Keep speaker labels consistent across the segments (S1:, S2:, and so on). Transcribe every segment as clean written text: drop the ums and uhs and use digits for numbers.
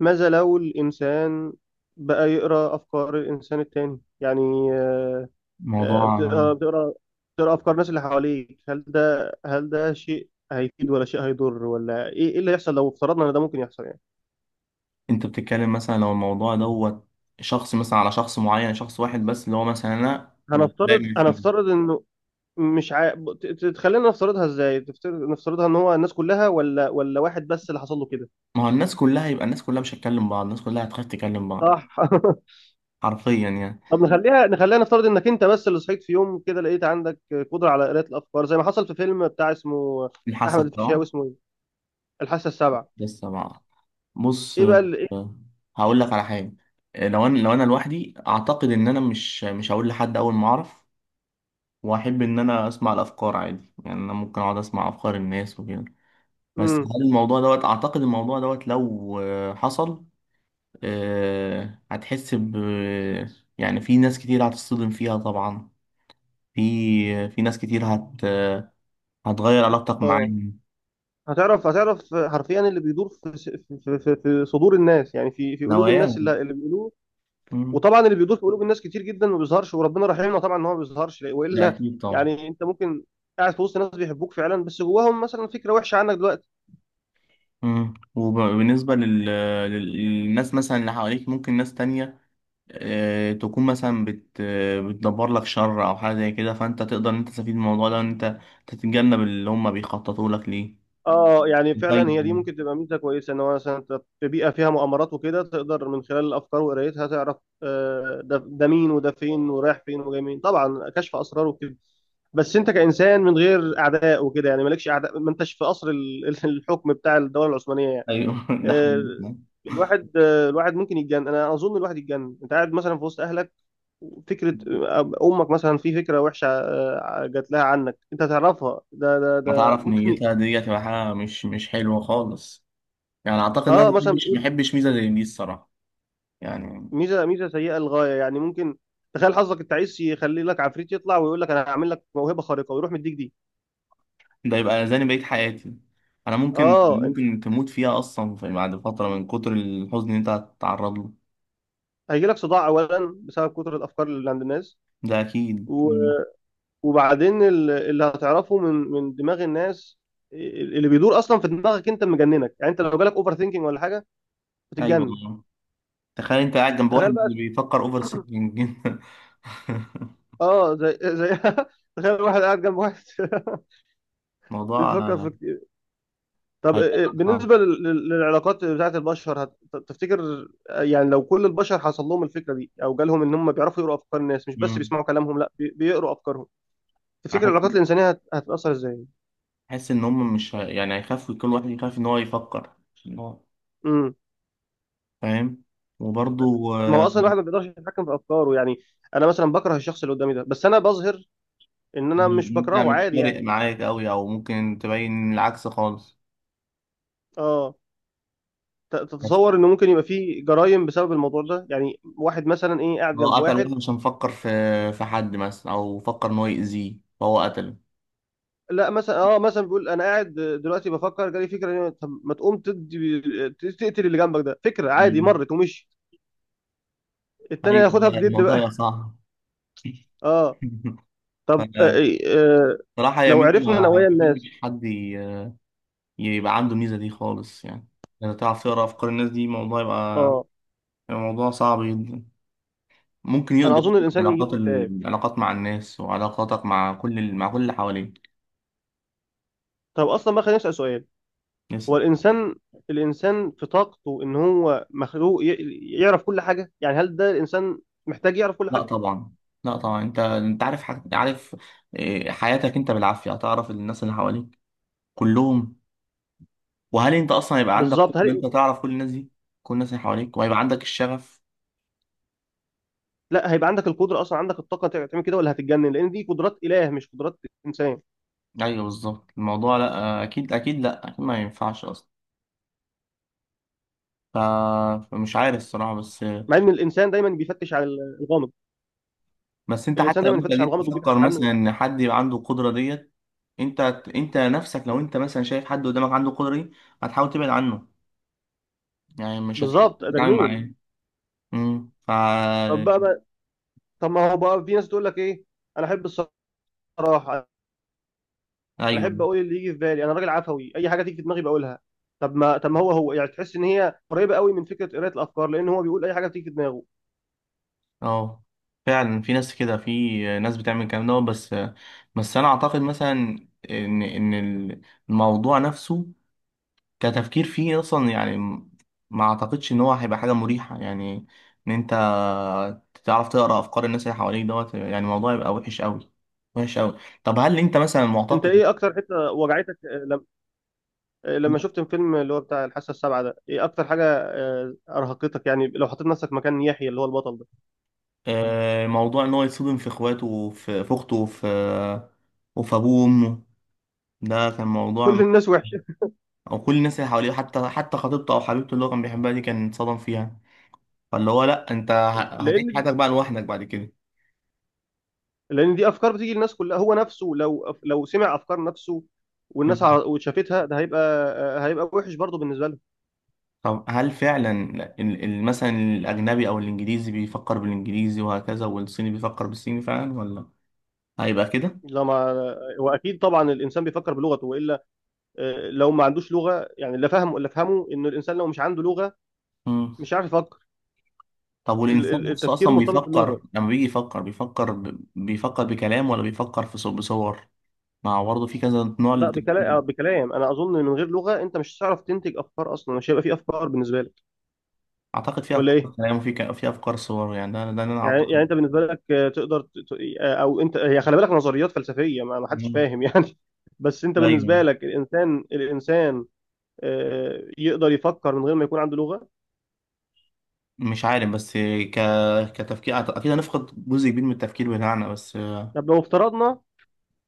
S1: ماذا لو الإنسان بقى يقرأ أفكار الإنسان التاني؟ يعني آه،
S2: موضوع.
S1: بتقرأ بتقرأ بتقرأ أفكار الناس اللي حواليك، هل ده شيء هيفيد ولا شيء هيضر، ولا إيه اللي هيحصل لو افترضنا إن ده ممكن يحصل؟ يعني
S2: انت بتتكلم مثلا لو الموضوع دوت شخص مثلا على شخص معين، شخص واحد بس اللي هو مثلا انا ودايما يسمعني.
S1: هنفترض إنه مش عا... تخلينا نفترضها، إزاي تفترض نفترضها؟ إن هو الناس كلها ولا واحد بس اللي حصل له كده؟
S2: ما هو الناس كلها يبقى الناس كلها مش هتكلم بعض، الناس كلها هتخاف تكلم بعض
S1: صح.
S2: حرفيا يعني.
S1: طب نخليها، نفترض انك انت بس اللي صحيت في يوم كده لقيت عندك قدره على قراءه الافكار زي ما حصل في فيلم بتاع، اسمه
S2: الحاسة
S1: احمد الفيشاوي،
S2: طبعا.
S1: اسمه ايه؟ الحاسه السابعه.
S2: لسه بقى. بص.
S1: ايه بقى اللي ايه؟
S2: آه، هقول لك على حاجة. لو انا لوحدي اعتقد ان انا مش هقول لحد اول ما اعرف، واحب ان انا اسمع الافكار عادي، يعني انا ممكن اقعد اسمع افكار الناس وكده. بس
S1: امم
S2: هل الموضوع دوت، اعتقد الموضوع دوت لو حصل هتحس ب، يعني في ناس كتير هتصطدم فيها طبعا، في ناس كتير هتغير علاقتك
S1: اه،
S2: معاهم،
S1: هتعرف حرفيا اللي بيدور في صدور الناس، يعني في قلوب الناس،
S2: نواياهم.
S1: اللي بيقولوه.
S2: مم.
S1: وطبعا اللي بيدور في قلوب الناس كتير جدا ما بيظهرش، وربنا رحيمنا طبعا ان هو ما بيظهرش،
S2: لا
S1: والا
S2: أكيد طبعا.
S1: يعني انت ممكن قاعد في وسط ناس بيحبوك فعلا، بس جواهم مثلا فكره وحشه عنك دلوقتي.
S2: مم. وبالنسبة للناس مثلا اللي حواليك، ممكن ناس تانية تكون مثلا بتدبر لك شر أو حاجة زي كده، فأنت تقدر إن أنت تستفيد من الموضوع ده، وإن أنت تتجنب اللي هم بيخططوا لك ليه.
S1: اه، يعني
S2: طيب.
S1: فعلا هي دي ممكن تبقى ميزه كويسه، ان هو مثلا انت في بيئه فيها مؤامرات وكده تقدر من خلال الافكار وقرايتها تعرف ده مين وده فين ورايح فين وجاي مين، طبعا كشف اسرار وكده. بس انت كانسان من غير اعداء وكده، يعني مالكش اعداء، ما انتش في قصر الحكم بتاع الدوله العثمانيه يعني.
S2: أيوه ده
S1: آه،
S2: حقيقي.
S1: الواحد الواحد ممكن يتجنن، انا اظن الواحد يتجنن. انت قاعد مثلا في وسط اهلك، فكره، امك مثلا في فكره وحشه جات لها عنك، انت تعرفها،
S2: ما
S1: ده
S2: تعرف
S1: ممكن
S2: نيتها دي هتبقى حاجة مش حلوة خالص. يعني أعتقد إن
S1: اه
S2: أنا
S1: مثلا
S2: مبحبش ميزة زي دي الصراحة يعني.
S1: ميزه سيئه للغايه، يعني ممكن تخيل حظك، انت عايز يخلي لك عفريت يطلع ويقول لك انا هعمل لك موهبه خارقه ويروح مديك دي.
S2: ده يبقى أذاني بقية حياتي. أنا ممكن
S1: اه انت
S2: ممكن تموت فيها أصلا في، بعد فترة من كتر الحزن اللي أنت هتتعرض له.
S1: هيجي لك صداع اولا بسبب كتر الافكار اللي عند الناس،
S2: ده أكيد.
S1: و-
S2: مم.
S1: وبعدين اللي هتعرفه من دماغ الناس، اللي بيدور اصلا في دماغك انت مجننك، يعني انت لو جالك اوفر ثينكينج ولا حاجه
S2: أيوة
S1: بتتجنن.
S2: والله، تخيل أنت قاعد جنب واحد
S1: تخيل بقى،
S2: بيفكر أوفر سينكينج
S1: اه زي تخيل واحد قاعد جنب واحد
S2: موضوع
S1: بيفكر في. طب
S2: هيبقى آه.
S1: بالنسبة للعلاقات بتاعت البشر، تفتكر يعني لو كل البشر حصل لهم الفكرة دي أو جالهم إن هم بيعرفوا يقروا أفكار الناس، مش بس
S2: مم.
S1: بيسمعوا كلامهم، لا بيقروا أفكارهم، تفتكر
S2: أحس
S1: العلاقات الإنسانية هتتأثر إزاي؟
S2: أحس إن هم مش هي- يعني هيخافوا، كل واحد يخاف إن هو يفكر عشان هو
S1: امم
S2: فاهم. وبرضه
S1: ما هو أصلا الواحد ما بيقدرش يتحكم في أفكاره، يعني أنا مثلا بكره الشخص اللي قدامي ده، بس أنا بظهر إن أنا مش
S2: انت
S1: بكرهه
S2: مش
S1: عادي يعني.
S2: فارق معاك قوي، او ممكن تبين العكس خالص.
S1: أه،
S2: بس
S1: تتصور إنه ممكن يبقى فيه جرائم بسبب الموضوع ده؟ يعني واحد مثلا إيه قاعد
S2: هو
S1: جنب
S2: قتل
S1: واحد،
S2: واحد عشان فكر في، في حد مثلا او فكر ان هو يأذيه فهو قتله.
S1: لا مثلا اه مثلا بيقول انا قاعد دلوقتي بفكر، جالي فكره طب ما تقوم تدي، تقتل اللي جنبك ده، فكره عادي
S2: مم.
S1: مرت ومشي. التاني
S2: ايوه
S1: هياخدها
S2: لا،
S1: بجد بقى.
S2: الموضوع صعب
S1: اه طب
S2: فصراحة يا
S1: لو
S2: ميزة،
S1: عرفنا
S2: ما
S1: نوايا الناس.
S2: بحبش حد يبقى عنده الميزة دي خالص يعني. لو تعرف تقرا افكار الناس، دي موضوع يبقى،
S1: اه
S2: يبقى موضوع صعب جدا. ممكن
S1: انا
S2: يقضي
S1: اظن
S2: أصلاً
S1: الانسان يجيله
S2: علاقات
S1: اكتئاب.
S2: العلاقات مع الناس، وعلاقاتك مع كل مع كل اللي حواليك.
S1: طب اصلا بقى خلينا نسال سؤال، هو الانسان، الانسان في طاقته ان هو مخلوق يعرف كل حاجه؟ يعني هل ده الانسان محتاج يعرف كل
S2: لا
S1: حاجه؟
S2: طبعا. لا طبعا، انت عارف حاجة؟ عارف إيه، حياتك انت بالعافية هتعرف الناس اللي حواليك كلهم؟ وهل انت اصلا هيبقى عندك قدرة
S1: بالظبط،
S2: ان
S1: هل
S2: انت تعرف كل الناس دي، كل الناس اللي حواليك، وهيبقى عندك الشغف؟
S1: لا هيبقى عندك القدره اصلا، عندك الطاقه تعمل كده ولا هتتجنن؟ لان دي قدرات اله مش قدرات انسان.
S2: ايوه بالظبط الموضوع، لا اكيد اكيد، لا اكيد ما ينفعش اصلا. ف... فمش عارف الصراحة بس.
S1: مع ان الانسان دايما بيفتش على الغامض،
S2: بس انت
S1: الانسان
S2: حتى لو
S1: دايما
S2: انت
S1: بيفتش على
S2: جيت
S1: الغامض وبيبحث
S2: تفكر
S1: عنه.
S2: مثلا ان حد يبقى عنده القدرة ديت، انت انت نفسك لو انت مثلا شايف حد قدامك عنده القدرة دي، هتحاول تبعد عنه، يعني مش هتحب
S1: بالظبط، ده
S2: تتعامل
S1: جنون.
S2: معاه. امم.
S1: بقى، طب ما هو بقى في ناس تقول لك ايه، انا احب الصراحه، انا
S2: ايوه.
S1: احب اقول اللي يجي في بالي، انا راجل عفوي، اي حاجه تيجي في دماغي بقولها. طب ما هو هو يعني تحس ان هي قريبه قوي من فكره قرايه الافكار، لان هو بيقول اي حاجه بتيجي في دماغه.
S2: اه فعلا في ناس كده، في ناس بتعمل الكلام ده. بس بس انا اعتقد مثلا ان ان الموضوع نفسه كتفكير فيه اصلا، يعني ما اعتقدش ان هو هيبقى حاجه مريحه، يعني ان انت تعرف تقرا افكار الناس اللي حواليك دوت، يعني الموضوع يبقى وحش قوي، وحش قوي. طب هل انت مثلا
S1: انت
S2: معتقد،
S1: ايه اكتر حته وجعتك لما شفت الفيلم اللي هو بتاع الحاسه السابعه ده؟ ايه اكتر حاجه ارهقتك، يعني لو حطيت نفسك مكان يحيى اللي هو البطل ده؟
S2: موضوع ان هو يتصدم في اخواته وفي في اخته، وفي وفي ابوه وامه؟ ده كان
S1: كل
S2: موضوع.
S1: الناس وحشه.
S2: او كل الناس اللي حواليه، حتى حتى خطيبته او حبيبته اللي هو كان بيحبها دي كان اتصدم فيها. فاللي هو لا انت هتعيش
S1: لان
S2: حياتك بقى لوحدك بعد كده.
S1: دي افكار بتيجي للناس كلها، هو نفسه لو سمع افكار نفسه والناس،
S2: مم.
S1: وشافتها، ده هيبقى وحش برضه بالنسبه لهم.
S2: طب هل فعلا مثلا الاجنبي او الانجليزي بيفكر بالانجليزي، وهكذا والصيني بيفكر بالصيني فعلا، ولا هيبقى كده؟
S1: لا ما واكيد طبعا الانسان بيفكر بلغته، والا لو ما عندوش لغه، يعني لا فهم ولا فهمه، ان الانسان لو مش عنده لغه
S2: مم.
S1: مش عارف يفكر.
S2: طب والانسان نفسه
S1: التفكير
S2: اصلا
S1: مرتبط
S2: بيفكر،
S1: باللغه.
S2: لما بيجي يفكر بيفكر بيفكر بكلام، ولا بيفكر في بصور؟ ما هو برضه في كذا نوع
S1: لا،
S2: للتفكير.
S1: بكلام، بكلام، انا اظن إن من غير لغه انت مش هتعرف تنتج افكار اصلا، مش هيبقى في افكار بالنسبه لك.
S2: اعتقد في
S1: ولا
S2: افكار
S1: ايه؟
S2: كلام، وفي في افكار صور، يعني ده ده اللي انا
S1: يعني
S2: اعتقد.
S1: انت بالنسبه لك تقدر او انت هي خلي بالك، نظريات فلسفيه ما حدش
S2: مم.
S1: فاهم يعني، بس انت
S2: ايوه.
S1: بالنسبه لك الانسان، يقدر يفكر من غير ما يكون عنده لغه؟
S2: مش عارف بس، ك... كتفكير اكيد هنفقد جزء كبير من التفكير بتاعنا بس.
S1: طب لو افترضنا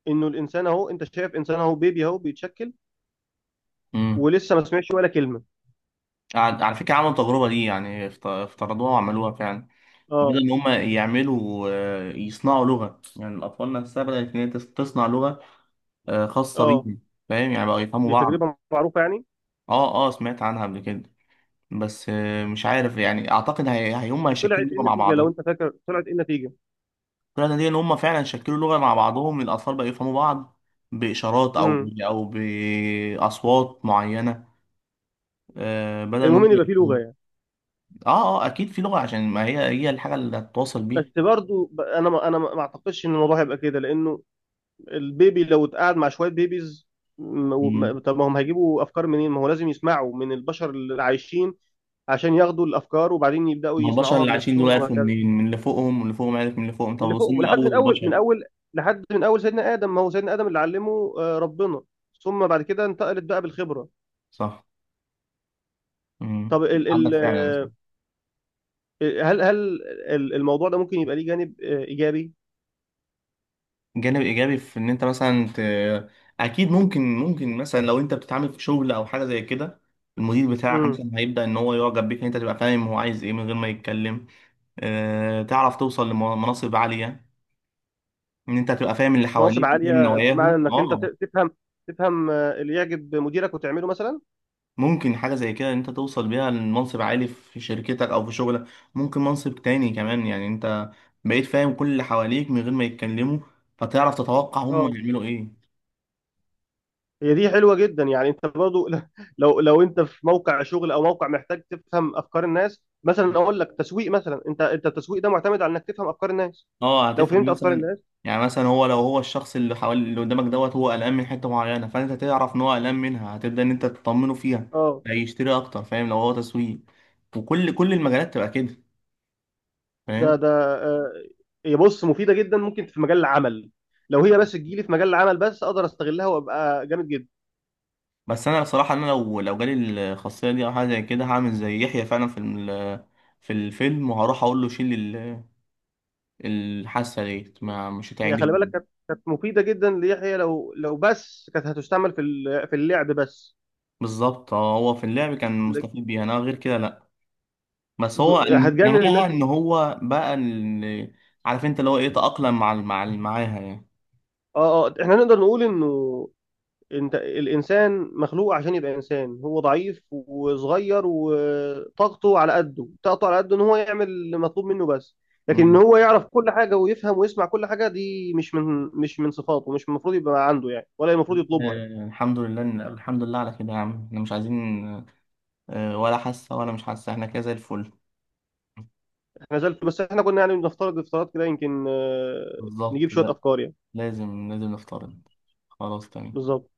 S1: انه الانسان اهو، انت شايف انسان اهو بيبي اهو بيتشكل
S2: امم.
S1: ولسه ما سمعش ولا كلمه.
S2: على على فكره، عملوا التجربه دي يعني، افترضوها وعملوها فعلا. بدل
S1: اه،
S2: ان هم يعملوا يصنعوا لغه، يعني الاطفال نفسها بدات ان هي تصنع لغه خاصه
S1: اه
S2: بيهم، فاهم يعني؟ بقوا يفهموا
S1: دي
S2: بعض.
S1: تجربه معروفه يعني.
S2: اه اه سمعت عنها قبل كده. بس مش عارف يعني، اعتقد هم هيشكلوا
S1: وطلعت ايه
S2: لغه مع
S1: النتيجه لو
S2: بعضها.
S1: انت فاكر، طلعت ايه النتيجه؟
S2: الطريقه دي ان هم فعلا شكلوا لغه مع بعضهم، الاطفال بقوا يفهموا بعض باشارات او
S1: امم
S2: او باصوات معينه، بدل ما
S1: المهم
S2: هم
S1: ان يبقى فيه
S2: يفهموا.
S1: لغه يعني.
S2: اه اه اكيد في لغه، عشان ما هي هي الحاجه اللي هتتواصل
S1: بس
S2: بيها.
S1: برضو انا ما انا ما ما اعتقدش ان الموضوع هيبقى كده، لانه البيبي لو اتقعد مع شوية بيبيز،
S2: مم.
S1: طب ما هم هيجيبوا أفكار منين؟ ما هو لازم يسمعوا من البشر اللي عايشين عشان ياخدوا الأفكار، وبعدين يبدأوا
S2: ما هو البشر
S1: يصنعوها
S2: اللي عايشين دول
S1: بنفسهم
S2: عرفوا
S1: وهكذا، من
S2: منين؟ من اللي فوقهم، واللي فوقهم عارف من اللي فوقهم، طب
S1: اللي فوق،
S2: وصلنا اول البشر.
S1: لحد من أول سيدنا آدم، ما هو سيدنا آدم اللي علمه ربنا، ثم بعد كده انتقلت بقى بالخبرة.
S2: صح. مم.
S1: طب ال
S2: عندك
S1: ال
S2: فعلا.
S1: آه، هل الموضوع ده ممكن يبقى ليه جانب إيجابي؟
S2: جانب ايجابي في ان انت مثلا اكيد ممكن، ممكن مثلا لو انت بتتعامل في شغل او حاجه زي كده، المدير بتاعك
S1: امم.
S2: مثلا هيبدا ان هو يعجب بيك، ان انت تبقى فاهم هو عايز ايه من غير ما يتكلم. أه تعرف توصل لمناصب عاليه، ان انت تبقى فاهم اللي
S1: مناصب
S2: حواليك وفاهم
S1: عالية بمعنى
S2: نواياهم،
S1: إنك أنت
S2: اه.
S1: تفهم، تفهم اللي يعجب مديرك وتعمله مثلا؟
S2: ممكن حاجة زي كده إن أنت توصل بيها لمنصب عالي في شركتك أو في شغلك. ممكن منصب تاني كمان، يعني أنت بقيت فاهم كل اللي حواليك من غير ما يتكلموا، فتعرف تتوقع هم
S1: اه
S2: هيعملوا إيه.
S1: هي دي حلوه جدا يعني، انت برضو لو انت في موقع شغل او موقع محتاج تفهم افكار الناس، مثلا اقول لك تسويق مثلا، انت التسويق ده معتمد على انك تفهم افكار الناس،
S2: أه
S1: لو
S2: هتفهم
S1: فهمت افكار
S2: مثلا،
S1: الناس.
S2: يعني مثلا هو، لو هو الشخص اللي حوالي اللي قدامك دوت، هو قلقان من حتة معينة، فأنت تعرف إن هو قلقان منها، هتبدأ إن أنت تطمنه فيها.
S1: اه
S2: هيشتري أكتر، فاهم؟ لو هو تسويق، وكل كل المجالات تبقى كده، فاهم.
S1: ده آه، هي بص مفيده جدا، ممكن في مجال العمل، لو هي بس تجيلي في مجال العمل بس اقدر استغلها وابقى جامد جدا.
S2: بس انا بصراحه انا لو لو جالي الخاصيه دي او حاجه زي كده، هعمل زي يحيى فعلا في في الفيلم، وهروح اقول له شيل الحاسه ديت، ما مش
S1: هي خلي بالك،
S2: هتعجبني.
S1: كانت مفيده جدا ليحيى، لو بس كانت هتستعمل في في اللعب بس.
S2: بالظبط اه، هو في اللعب كان
S1: لك-
S2: مستفيد بيها، انا غير كده لا. بس هو
S1: هتجنن الناس.
S2: نهاها ان هو بقى اللي عارف انت اللي هو ايه، تأقلم مع ال- مع ال- معاها يعني.
S1: اه اه احنا نقدر نقول انه، انت الانسان مخلوق عشان يبقى انسان، هو ضعيف وصغير وطاقته على قده، طاقته على قده ان هو يعمل اللي مطلوب منه بس، لكن ان
S2: مم.
S1: هو يعرف كل حاجه ويفهم ويسمع كل حاجه، دي مش من صفاته، مش المفروض يبقى عنده يعني، ولا المفروض يطلبها يعني.
S2: الحمد لله الحمد لله على كده يا عم، احنا مش عايزين ولا حاسه ولا مش حاسه، احنا كده زي الفل.
S1: احنا زلت، بس احنا كنا يعني بنفترض افتراضات كده، يمكن
S2: بالظبط.
S1: نجيب شويه
S2: لا
S1: افكار يعني.
S2: لازم، لازم نفترض. خلاص تمام.
S1: بالظبط.